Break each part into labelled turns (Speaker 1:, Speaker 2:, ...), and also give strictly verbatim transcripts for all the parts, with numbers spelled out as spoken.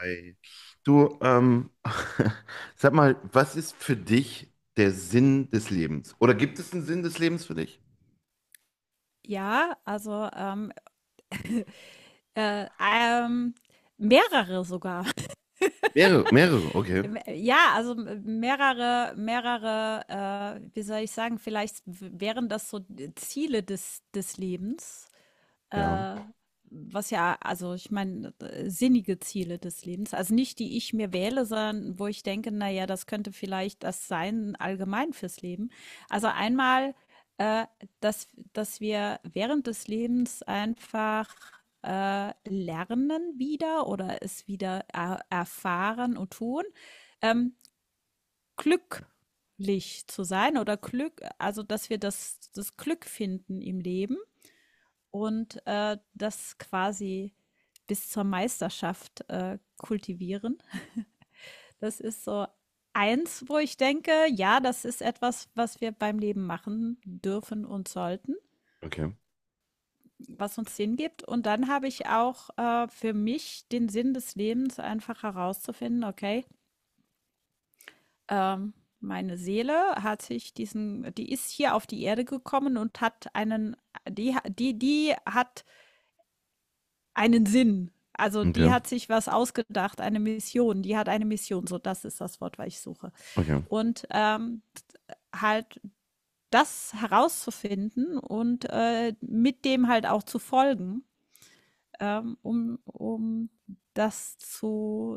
Speaker 1: Hi. Du, ähm, sag mal, was ist für dich der Sinn des Lebens? Oder gibt es einen Sinn des Lebens für dich?
Speaker 2: Ja, also, ähm, äh, ähm, mehrere sogar.
Speaker 1: Mehrere, mehrere, okay.
Speaker 2: ja, also, äh, mehrere mehrere, äh, wie soll ich sagen, vielleicht w wären das so äh, Ziele des des Lebens,
Speaker 1: Ja,
Speaker 2: äh, was ja, also ich meine, äh, sinnige Ziele des Lebens. Also nicht die ich mir wähle, sondern wo ich denke, naja, das könnte vielleicht das sein, allgemein fürs Leben. Also einmal, äh, dass, dass wir während des Lebens einfach äh, lernen wieder oder es wieder er erfahren und tun. Ähm, glücklich zu sein oder Glück, also dass wir das, das Glück finden im Leben und äh, das quasi bis zur Meisterschaft äh, kultivieren. Das ist so eins, wo ich denke, ja, das ist etwas, was wir beim Leben machen dürfen und sollten,
Speaker 1: okay,
Speaker 2: was uns Sinn gibt. Und dann habe ich auch äh, für mich den Sinn des Lebens einfach herauszufinden. Okay, ähm, meine Seele hat sich diesen, die ist hier auf die Erde gekommen und hat einen, die, die, die hat einen Sinn. Also die
Speaker 1: okay,
Speaker 2: hat sich was ausgedacht, eine Mission. Die hat eine Mission, so das ist das Wort, was ich suche.
Speaker 1: okay,
Speaker 2: Und ähm, halt das herauszufinden und äh, mit dem halt auch zu folgen, ähm, um, um das zu,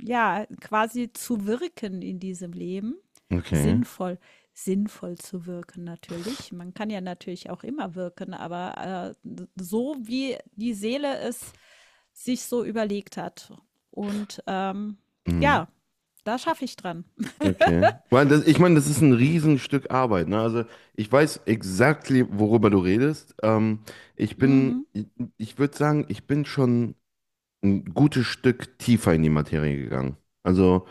Speaker 2: ja, quasi zu wirken in diesem Leben.
Speaker 1: okay,
Speaker 2: Sinnvoll, sinnvoll zu wirken natürlich. Man kann ja natürlich auch immer wirken, aber äh, so wie die Seele es sich so überlegt hat. Und ähm,
Speaker 1: mhm.
Speaker 2: ja, da schaffe ich dran.
Speaker 1: Okay. Weil das, ich meine, das ist ein Riesenstück Arbeit, ne? Also ich weiß exakt, worüber du redest. Ähm, ich bin,
Speaker 2: Mhm,
Speaker 1: ich, ich würde sagen, ich bin schon ein gutes Stück tiefer in die Materie gegangen. Also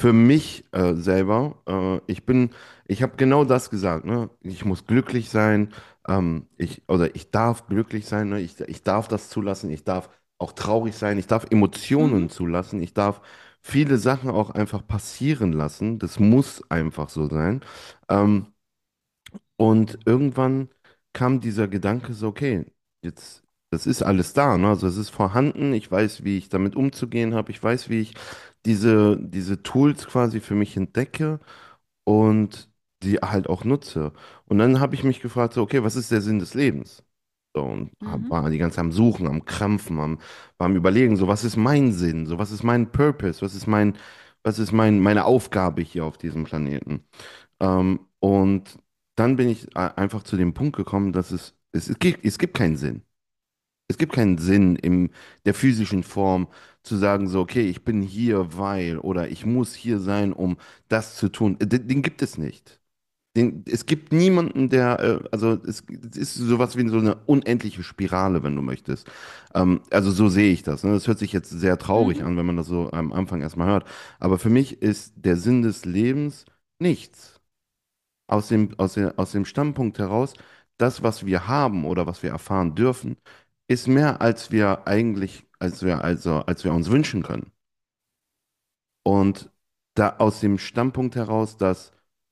Speaker 1: für mich äh, selber, äh, ich bin, ich habe genau das gesagt, ne? Ich muss glücklich sein, ähm, ich, oder ich darf glücklich sein, ne? Ich, ich darf das zulassen, ich darf auch traurig sein, ich darf
Speaker 2: mhm,
Speaker 1: Emotionen zulassen, ich darf viele Sachen auch einfach passieren lassen. Das muss einfach so sein. Ähm, und irgendwann kam dieser Gedanke so, okay, jetzt, das ist alles da, ne? Also es ist vorhanden, ich weiß, wie ich damit umzugehen habe, ich weiß, wie ich diese, diese Tools quasi für mich entdecke und die halt auch nutze. Und dann habe ich mich gefragt, so, okay, was ist der Sinn des Lebens? So, und hab,
Speaker 2: mhm,
Speaker 1: war die ganze Zeit am Suchen, am Krampfen, am, war am Überlegen, so, was ist mein Sinn? So, was ist mein Purpose? Was ist mein, was ist mein, meine Aufgabe hier auf diesem Planeten? Ähm, und dann bin ich a- einfach zu dem Punkt gekommen, dass es, es, es gibt, es gibt keinen Sinn. Es gibt keinen Sinn in der physischen Form zu sagen, so, okay, ich bin hier, weil oder ich muss hier sein, um das zu tun. Äh, Den, den gibt es nicht. Den, es gibt niemanden, der, äh, also es, es ist sowas wie so eine unendliche Spirale, wenn du möchtest. Ähm, also so sehe ich das. Ne? Das hört sich jetzt sehr traurig
Speaker 2: mhm,
Speaker 1: an, wenn man das so am Anfang erstmal hört. Aber für mich ist der Sinn des Lebens nichts aus dem, aus dem, aus dem Standpunkt heraus, das, was wir haben oder was wir erfahren dürfen, ist mehr, als wir eigentlich, als wir, also, als wir uns wünschen können. Und da aus dem Standpunkt heraus, dass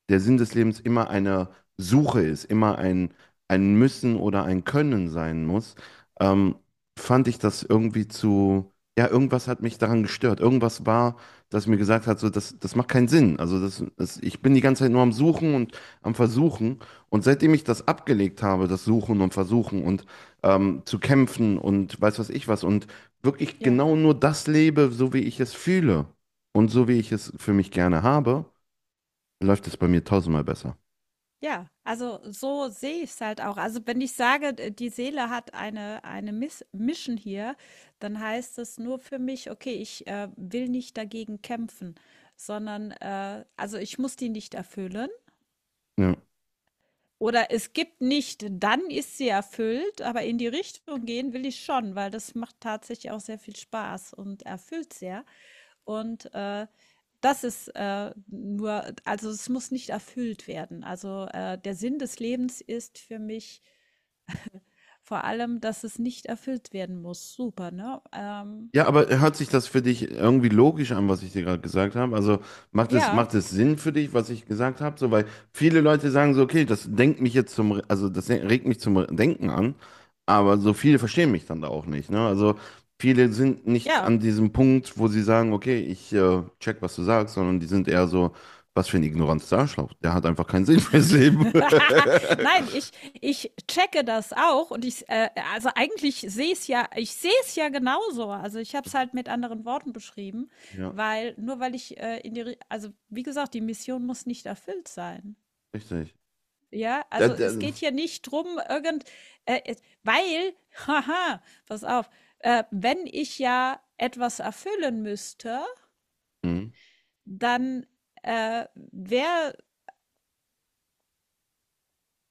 Speaker 1: der Sinn des Lebens immer eine Suche ist, immer ein, ein Müssen oder ein Können sein muss, ähm, fand ich das irgendwie zu, ja, irgendwas hat mich daran gestört. Irgendwas war, das mir gesagt hat, so, das, das macht keinen Sinn. Also das, das, ich bin die ganze Zeit nur am Suchen und am Versuchen. Und seitdem ich das abgelegt habe, das Suchen und Versuchen und ähm, zu kämpfen und weiß was ich was und wirklich
Speaker 2: ja.
Speaker 1: genau nur das lebe, so wie ich es fühle, und so wie ich es für mich gerne habe, läuft es bei mir tausendmal besser.
Speaker 2: Ja, also so sehe ich es halt auch. Also wenn ich sage, d- die Seele hat eine, eine Miss Mission hier, dann heißt es nur für mich, okay, ich äh, will nicht dagegen kämpfen, sondern äh, also ich muss die nicht erfüllen.
Speaker 1: Ja.
Speaker 2: Oder es gibt nicht, dann ist sie erfüllt, aber in die Richtung gehen will ich schon, weil das macht tatsächlich auch sehr viel Spaß und erfüllt sehr. Und äh, das ist äh, nur, also es muss nicht erfüllt werden. Also äh, der Sinn des Lebens ist für mich vor allem, dass es nicht erfüllt werden muss. Super, ne? Ähm,
Speaker 1: Ja, aber hört sich das für dich irgendwie logisch an, was ich dir gerade gesagt habe? Also macht es,
Speaker 2: ja,
Speaker 1: macht es Sinn für dich, was ich gesagt habe? So, weil viele Leute sagen so, okay, das denkt mich jetzt zum, Re- also das regt mich zum Re- Denken an, aber so viele verstehen mich dann da auch nicht, ne? Also viele sind nicht
Speaker 2: ja.
Speaker 1: an diesem Punkt, wo sie sagen, okay, ich äh, check, was du sagst, sondern die sind eher so, was für ein ignorantes Arschloch. Der hat einfach keinen Sinn fürs Leben.
Speaker 2: Nein, ich, ich checke das auch und ich, äh, also eigentlich sehe es ja, ich sehe es ja genauso. Also ich habe es halt mit anderen Worten beschrieben,
Speaker 1: Ja,
Speaker 2: weil nur weil ich äh, in die, Ri- also wie gesagt, die Mission muss nicht erfüllt sein.
Speaker 1: richtig.
Speaker 2: Ja,
Speaker 1: Da,
Speaker 2: also
Speaker 1: da,
Speaker 2: es geht hier nicht drum, irgend, äh, es- weil, haha, pass auf, äh, wenn ich ja etwas erfüllen müsste,
Speaker 1: hm,
Speaker 2: dann äh, wäre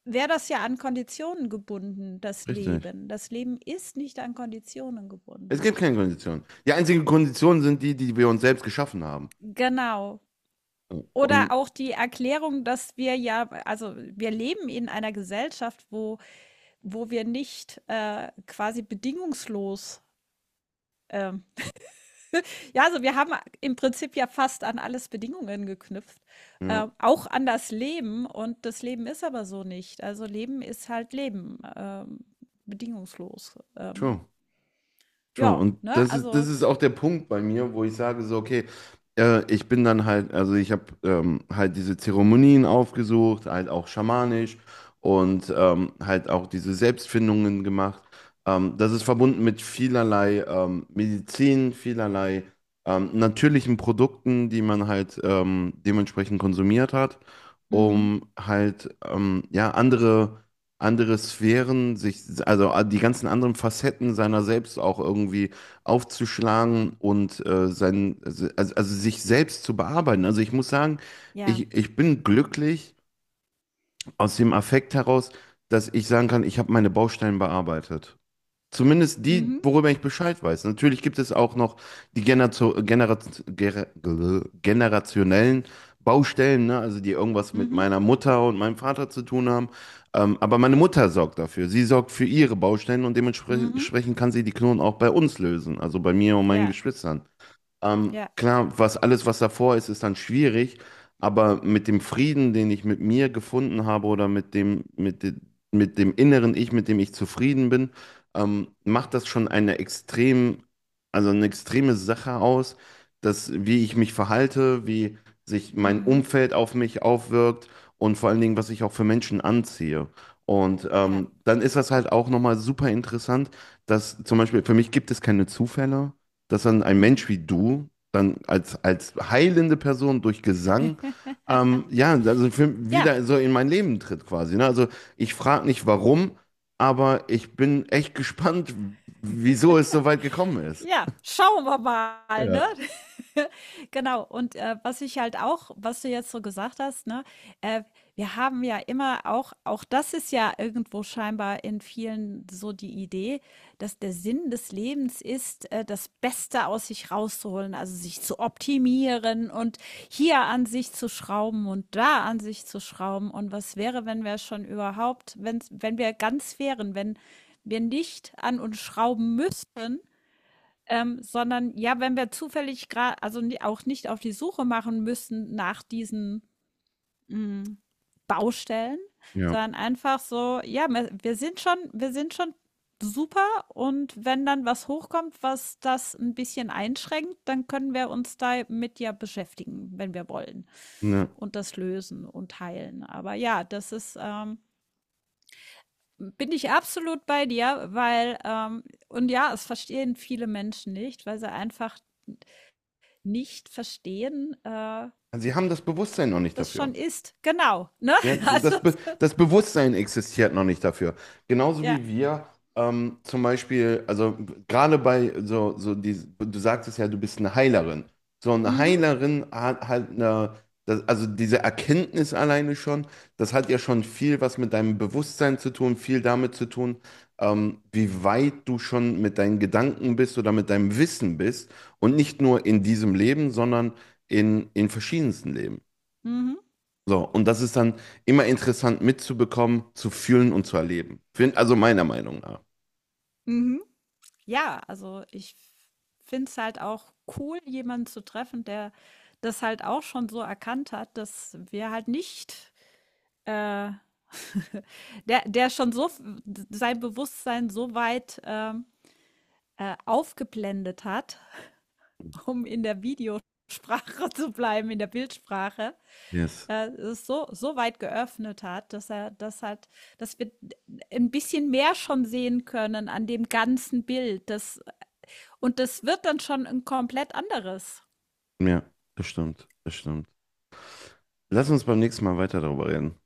Speaker 2: wäre das ja an Konditionen gebunden, das
Speaker 1: richtig.
Speaker 2: Leben. Das Leben ist nicht an Konditionen
Speaker 1: Es gibt
Speaker 2: gebunden.
Speaker 1: keine Konditionen. Die einzigen Konditionen sind die, die wir uns selbst geschaffen haben.
Speaker 2: Genau. Oder
Speaker 1: Und
Speaker 2: auch die Erklärung, dass wir ja, also wir leben in einer Gesellschaft, wo, wo wir nicht äh, quasi bedingungslos, ähm, ja, also wir haben im Prinzip ja fast an alles Bedingungen geknüpft, äh,
Speaker 1: ja,
Speaker 2: auch an das Leben. Und das Leben ist aber so nicht. Also Leben ist halt Leben, ähm, bedingungslos. Ähm,
Speaker 1: true. Schon,
Speaker 2: ja,
Speaker 1: und
Speaker 2: ne,
Speaker 1: das ist, das
Speaker 2: also
Speaker 1: ist auch der Punkt bei mir, wo ich sage so, okay, äh, ich bin dann halt, also ich habe ähm, halt diese Zeremonien aufgesucht, halt auch schamanisch und ähm, halt auch diese Selbstfindungen gemacht. Ähm, das ist verbunden mit vielerlei ähm, Medizin, vielerlei ähm, natürlichen Produkten, die man halt ähm, dementsprechend konsumiert hat,
Speaker 2: mhm.
Speaker 1: um halt ähm, ja andere andere Sphären, sich, also ah, die ganzen anderen Facetten seiner selbst auch irgendwie aufzuschlagen und äh, sein, also, also also sich selbst zu bearbeiten. Also ich muss sagen,
Speaker 2: Ja.
Speaker 1: ich, ich bin glücklich aus dem Affekt heraus, dass ich sagen kann, ich habe meine Bausteine bearbeitet. Zumindest die,
Speaker 2: Mhm.
Speaker 1: worüber ich Bescheid weiß. Natürlich gibt es auch noch die Generazo Genera Gera- Gl- generationellen Baustellen, ne? Also die irgendwas mit
Speaker 2: Mhm.
Speaker 1: meiner Mutter und meinem Vater zu tun haben. Ähm, aber meine Mutter sorgt dafür. Sie sorgt für ihre Baustellen und
Speaker 2: Mhm.
Speaker 1: dementsprechend kann sie die Knoten auch bei uns lösen, also bei mir und meinen
Speaker 2: Ja.
Speaker 1: Geschwistern. Ähm,
Speaker 2: Ja.
Speaker 1: klar, was alles, was davor ist, ist dann schwierig, aber mit dem Frieden, den ich mit mir gefunden habe oder mit dem, mit de, mit dem inneren Ich, mit dem ich zufrieden bin, ähm, macht das schon eine extrem, also eine extreme Sache aus, dass wie ich mich verhalte, wie sich mein
Speaker 2: Mhm.
Speaker 1: Umfeld auf mich aufwirkt und vor allen Dingen, was ich auch für Menschen anziehe. Und
Speaker 2: Ja.
Speaker 1: ähm, dann ist das halt auch nochmal super interessant, dass zum Beispiel für mich gibt es keine Zufälle dass dann ein Mensch
Speaker 2: Mhm.
Speaker 1: wie du dann als, als heilende Person durch Gesang, ähm, ja, also für,
Speaker 2: Ja.
Speaker 1: wieder so in mein Leben tritt quasi. Ne? Also ich frage nicht warum, aber ich bin echt gespannt, wieso es so weit gekommen ist.
Speaker 2: Ja, schauen wir mal, ne?
Speaker 1: Ja.
Speaker 2: Genau. Und, äh, was ich halt auch was du jetzt so gesagt hast, ne, äh, wir haben ja immer auch auch das ist ja irgendwo scheinbar in vielen so die Idee, dass der Sinn des Lebens ist, äh, das Beste aus sich rauszuholen, also sich zu optimieren und hier an sich zu schrauben und da an sich zu schrauben. Und was wäre, wenn wir schon überhaupt wenn wenn wir ganz wären, wenn wir nicht an uns schrauben müssten, ähm, sondern ja, wenn wir zufällig gerade, also ni- auch nicht auf die Suche machen müssen nach diesen mm, Baustellen,
Speaker 1: Ja.
Speaker 2: sondern einfach so, ja, wir, wir sind schon, wir sind schon super und wenn dann was hochkommt, was das ein bisschen einschränkt, dann können wir uns damit ja beschäftigen, wenn wir wollen
Speaker 1: Ja.
Speaker 2: und das lösen und heilen. Aber ja, das ist, ähm, bin ich absolut bei dir, weil, ähm, und ja, es verstehen viele Menschen nicht, weil sie einfach nicht verstehen, äh,
Speaker 1: Sie haben das Bewusstsein noch nicht
Speaker 2: das
Speaker 1: dafür.
Speaker 2: schon ist. Genau, ne?
Speaker 1: Ja,
Speaker 2: Also,
Speaker 1: das, Be
Speaker 2: so,
Speaker 1: das Bewusstsein existiert noch nicht dafür. Genauso
Speaker 2: ja.
Speaker 1: wie wir ähm, zum Beispiel, also gerade bei so, so die, du sagtest ja, du bist eine Heilerin. So eine
Speaker 2: Mhm,
Speaker 1: Heilerin hat halt eine, das, also diese Erkenntnis alleine schon, das hat ja schon viel was mit deinem Bewusstsein zu tun, viel damit zu tun, ähm, wie weit du schon mit deinen Gedanken bist oder mit deinem Wissen bist. Und nicht nur in diesem Leben, sondern in, in verschiedensten Leben.
Speaker 2: mhm,
Speaker 1: So, und das ist dann immer interessant mitzubekommen, zu fühlen und zu erleben. Find- Also meiner Meinung nach.
Speaker 2: mhm. Ja, also ich finde es halt auch cool, jemanden zu treffen, der das halt auch schon so erkannt hat, dass wir halt nicht, äh, der, der schon so f- sein Bewusstsein so weit ähm, äh, aufgeblendet hat, um in der Videosprache zu bleiben, in der Bildsprache,
Speaker 1: Yes.
Speaker 2: äh, es so, so weit geöffnet hat, dass er das hat, dass wir ein bisschen mehr schon sehen können an dem ganzen Bild. Das, und das wird dann schon ein komplett anderes.
Speaker 1: Ja, das stimmt, das stimmt. Lass uns beim nächsten Mal weiter darüber reden.